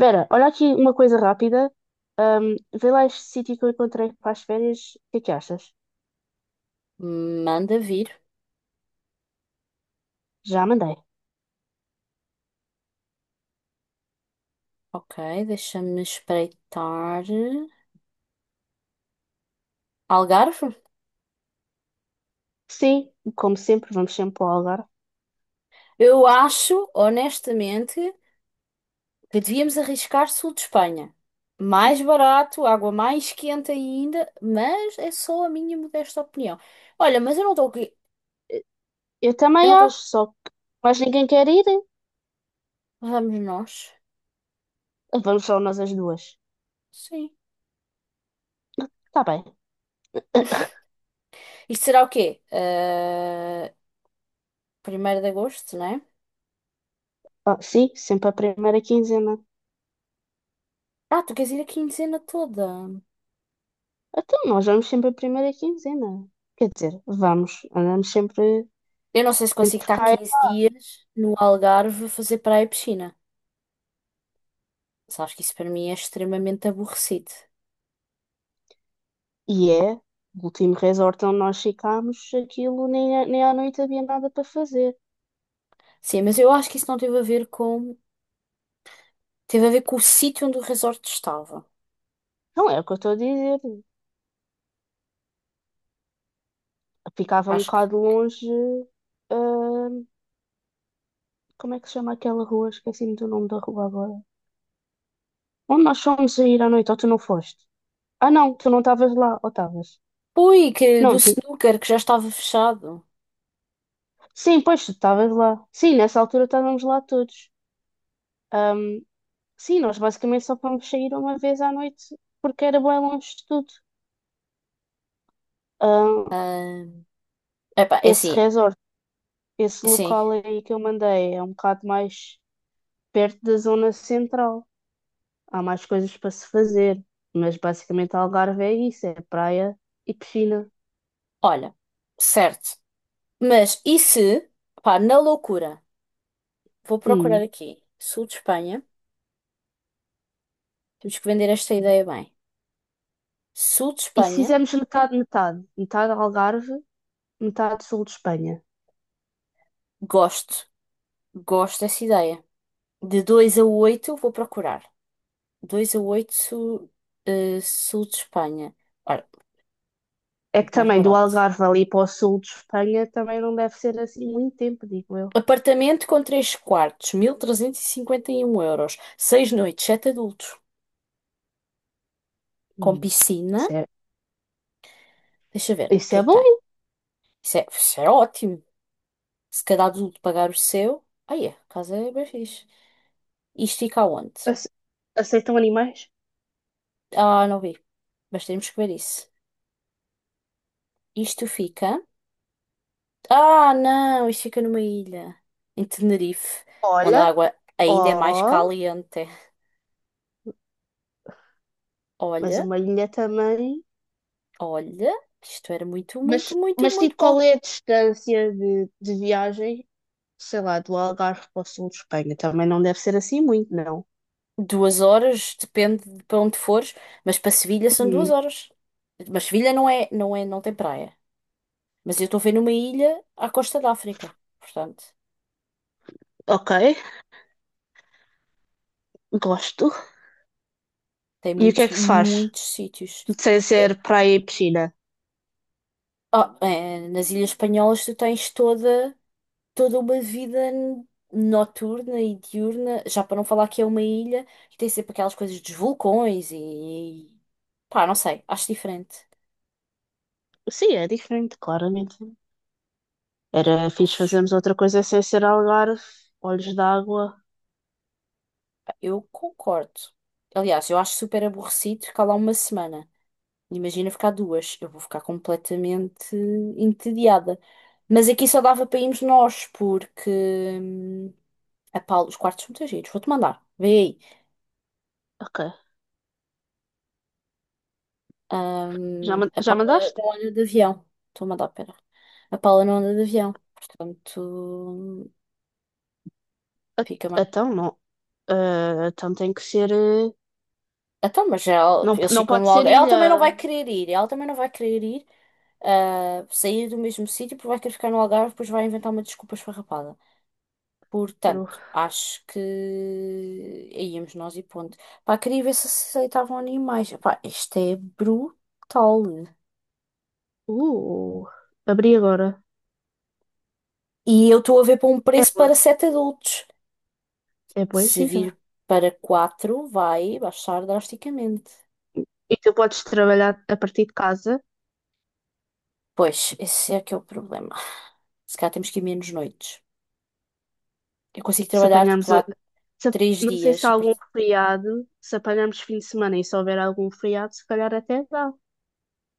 Vera, olha aqui uma coisa rápida. Ahm, Vê lá este sítio que eu encontrei para as férias. O que é que achas? Manda vir. Já mandei. Ok, deixa-me espreitar. Algarve? Sim, como sempre, vamos sempre para o Algarve. Eu acho, honestamente, que devíamos arriscar sul de Espanha. Mais barato, água mais quente ainda, mas é só a minha modesta opinião. Olha, mas eu não estou aqui. Eu Eu também não acho, estou. só que mais ninguém quer ir. Vamos nós? Vamos só nós as duas. Sim. Está bem. Isto será o quê? Ah, 1 de agosto, não é? Ah, sim, sempre a primeira quinzena. Ah, tu queres ir a quinzena toda. Então, nós vamos sempre a primeira quinzena. Quer dizer, andamos sempre Eu não sei se consigo entre estar cá 15 dias no Algarve a fazer praia e piscina. Sabes que isso para mim é extremamente aborrecido. e é. O último resort onde nós ficámos, aquilo nem, é, nem à noite havia nada para fazer. Sim, mas eu acho que isso não teve a ver com. Teve a ver com o sítio onde o resort estava. Não é o que eu estou a dizer. Ficava um Acho bocado que. longe. hum, Como é que se chama aquela rua? Esqueci-me do nome da rua agora. Onde nós fomos a ir à noite, ou tu não foste? Ah, não, tu não estavas lá, ou estavas? Ui, que do Não, ti... snooker que já estava fechado. Sim, pois tu estavas lá. Sim, nessa altura estávamos lá todos. Hum, sim, nós basicamente só fomos sair uma vez à noite porque era bem longe de tudo. Hum, Ah, epá, é Esse assim, resort, esse sim. local aí que eu mandei é um bocado mais perto da zona central. Há mais coisas para se fazer, mas basicamente Algarve é isso, é praia e piscina. Olha, certo. Mas e se, pá, na loucura, vou procurar Hum. aqui. Sul de Espanha. Temos que vender esta ideia bem. Sul de E se Espanha, fizermos metade, metade Algarve, metade sul de Espanha. gosto. Gosto dessa ideia. De 2 a 8 vou procurar. Dois a 8 sul de Espanha. Ora, É que muito mais também do barato. Algarve ali para o sul de Espanha também não deve ser assim muito tempo, digo eu. Apartamento com 3 quartos, mil trezentos e cinquenta e um euros. 6 noites, 7 adultos. Com Hum. piscina. Isso é, Deixa ver, o isso que é é que bom. tem? Isso é ótimo. Se cada adulto pagar o seu. Aí é, a casa é bem fixe. Isto fica aonde? Ace- Aceitam animais? Ah, não vi. Mas temos que ver isso. Isto fica. Ah, não, isto fica numa ilha. Em Tenerife, onde a Olha, água ainda é mais oh, caliente. mas Olha. uma ilha também. Olha, isto era muito, muito, Mas, muito, mas muito tipo, bom. qual é a distância de viagem, sei lá, do Algarve para o sul de Espanha. Também não deve ser assim muito, não. 2 horas, depende de para onde fores, mas para Sevilha são duas Hum, horas. Mas Sevilha não é, não é, não tem praia. Mas eu estou a ver numa ilha à costa da África. Portanto, ok, gosto. tem E o que é muitos, que se faz? muitos sítios. Sem É- ser praia e piscina? ah, é, nas Ilhas Espanholas tu tens toda uma vida noturna e diurna, já para não falar que é uma ilha, que tem sempre aquelas coisas dos vulcões e pá, não sei, acho diferente. Sim, é diferente, claramente. Era fixe fazermos Acho. outra coisa sem ser Algarve, olhos d'água. Eu concordo. Aliás, eu acho super aborrecido ficar lá uma semana. Imagina ficar duas. Eu vou ficar completamente entediada. Mas aqui só dava para irmos nós, porque hum, a Paula, os quartos são muito giros. Vou-te mandar. Vê aí. Ok. Já, man- A já Paula mandaste? não anda de avião. Estou a mandar, pera. A Paula não anda de avião. Portanto, Ah, fica mais. então, não. Ah, então tem que ser. Então, mas ela, Não, eles não ficam pode no ser Algarve. Ela também não vai ilha. querer ir. Ela também não vai querer ir, ah, sair do mesmo sítio, porque vai querer ficar no Algarve, depois vai inventar uma desculpa esfarrapada. Peru. Portanto, acho que aí íamos nós e ponto. Pá, queria ver se aceitavam animais. Pá, isto é brutal. Uh, Abri agora. E eu estou a ver para um É preço boa. para sete adultos. É boa Se gira. vir para quatro, vai baixar drasticamente. E tu podes trabalhar a partir de casa. Pois, esse é que é o problema. Se calhar temos que ir menos noites. Eu consigo Se trabalhar tipo apanharmos, vá a- se- a- Três Não sei dias. se há algum feriado, se apanharmos fim de semana e se houver algum feriado, se calhar até dá.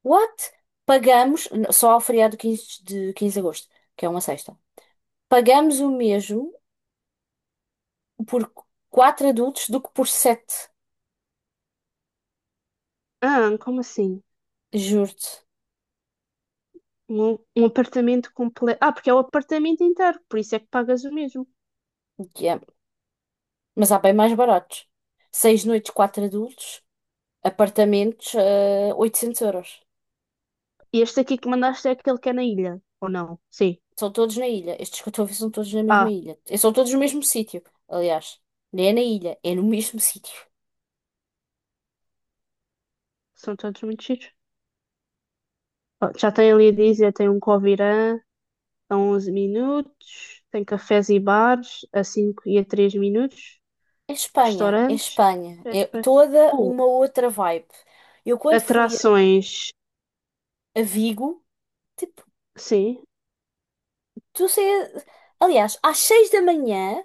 What? Pagamos, só ao feriado quinze de agosto, que é uma sexta. Pagamos o mesmo por quatro adultos do que por sete. Ah, como assim? Juro-te. Um apartamento completo. Ah, porque é o apartamento inteiro, por isso é que pagas o mesmo. Yeah. Mas há bem mais baratos. 6 noites, quatro adultos, apartamentos, 800 euros. E este aqui que mandaste é aquele que é na ilha, ou não? Sim. São todos na ilha. Estes que eu estou a ver são todos na mesma Ah, ilha. E são todos no mesmo sítio, aliás. Nem é na ilha, é no mesmo sítio. são todos muito chiques. Ó, já tem ali a dizer, tem um Covirã a 11 minutos, tem cafés e bares a 5 e a 3 minutos, É Espanha, é restaurantes, Espanha. É etc. toda Oh, uma outra vibe. Eu quando fui atrações, a Vigo, tipo, sim, tu sei, aliás, às 6 da manhã,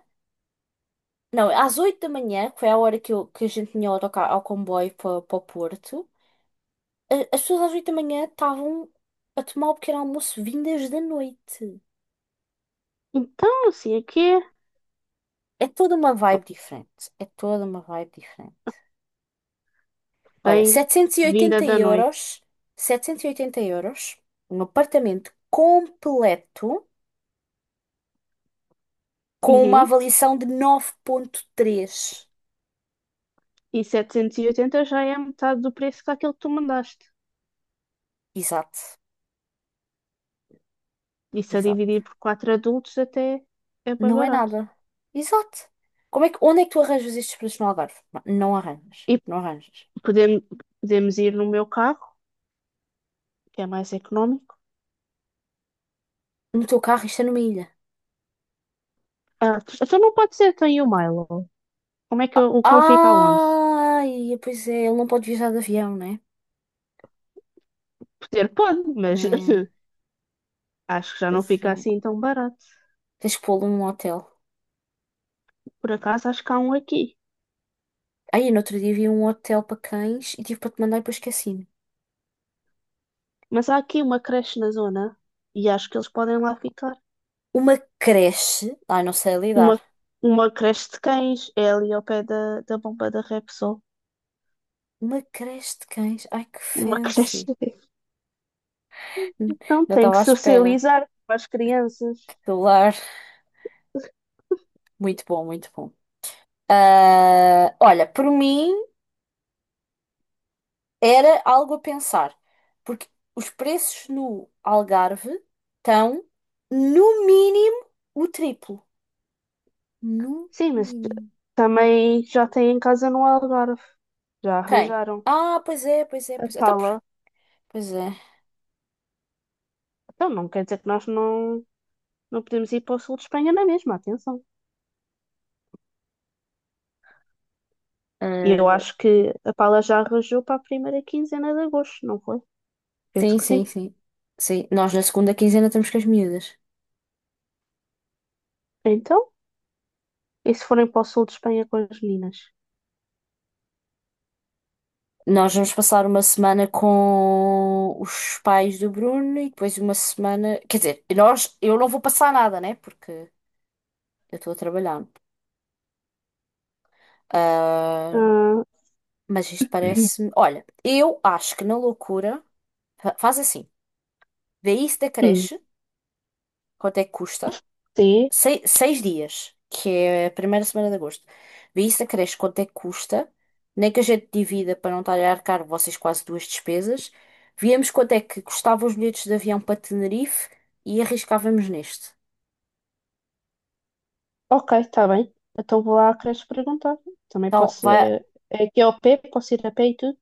não, às 8 da manhã, que foi a hora que a gente tinha o autocarro ao comboio para o Porto, as pessoas às 8 da manhã estavam a tomar o pequeno almoço vindas da noite. então, assim, aqui é É toda uma vibe diferente. É toda uma vibe diferente. Olha, setecentos e bem-vinda oitenta da noite. euros, 780 euros, um apartamento completo com uma Uhum. avaliação de 9.3. E 780 já é metade do preço que aquele que tu mandaste. Exato, Isso a dividir exato. por quatro adultos até é bem Não é barato. nada. Exato. Como é que, onde é que tu arranjas estes preços no Algarve? Não arranjas. E Não arranjas. podemos, podemos ir no meu carro, que é mais económico. No teu carro, isto é numa ilha. Ah, então não pode ser, tem o Milo. Como é que o cão fica, onde? Ai, pois é, ele não pode viajar de avião, né? Poder pode, mas É, acho que já não pois fica é. assim tão barato. Tens que pô-lo num hotel. Por acaso acho que há um aqui. Aí, no outro dia vi um hotel para cães e tive para te mandar e depois esqueci-me. Mas há aqui uma creche na zona e acho que eles podem lá ficar. Uma creche. Ai, não sei Uma, lidar. uma creche de cães é ali ao pé da, da bomba da Repsol. Uma creche de cães. Ai, que Uma creche. fancy. Então Não tem estava que à espera. socializar com as crianças. Que lar. Muito bom, muito bom. Ah, olha, por mim. Era algo a pensar, porque os preços no Algarve estão, no mínimo, o triplo. No Sim, mas mínimo. também já tem em casa no Algarve. Já Quem? arranjaram Ah, pois é, pois é, a pois é. Então, pala. pois é. Então não quer dizer que nós não, não podemos ir para o sul de Espanha na mesma, atenção. E eu Ah, acho que a pala já arranjou para a primeira quinzena de agosto, não foi? Penso sim, que sim, sim. sim. Sim, nós na segunda quinzena estamos com as miúdas. Então, e se forem para o sul de Espanha com as meninas? Nós vamos passar uma semana com os pais do Bruno e depois uma semana. Quer dizer, nós, eu não vou passar nada, né? Porque eu estou a trabalhar. Ah, Ah, mas isto parece-me. Olha, eu acho que na loucura. Faz assim. Vê isso da hum, creche. Quanto é que custa? sim, 6 dias, que é a primeira semana de agosto. Vê isso da creche. Quanto é que custa? Nem que a gente divida para não estar a arcar vocês quase duas despesas. Viemos quanto é que custavam os bilhetes de avião para Tenerife e arriscávamos neste. ok, está bem. Então vou lá à creche perguntar. Também Então, posso. vai, É, é aqui ao pé, posso ir a pé e tudo?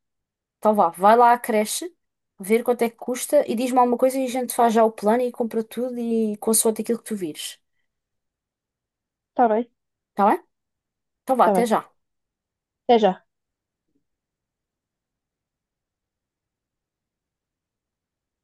então vá, vai lá à creche, ver quanto é que custa e diz-me alguma coisa e a gente faz já o plano e compra tudo e consoante aquilo que tu vires. Está bem, Tá bem? Então vá, está até bem. já. Até já.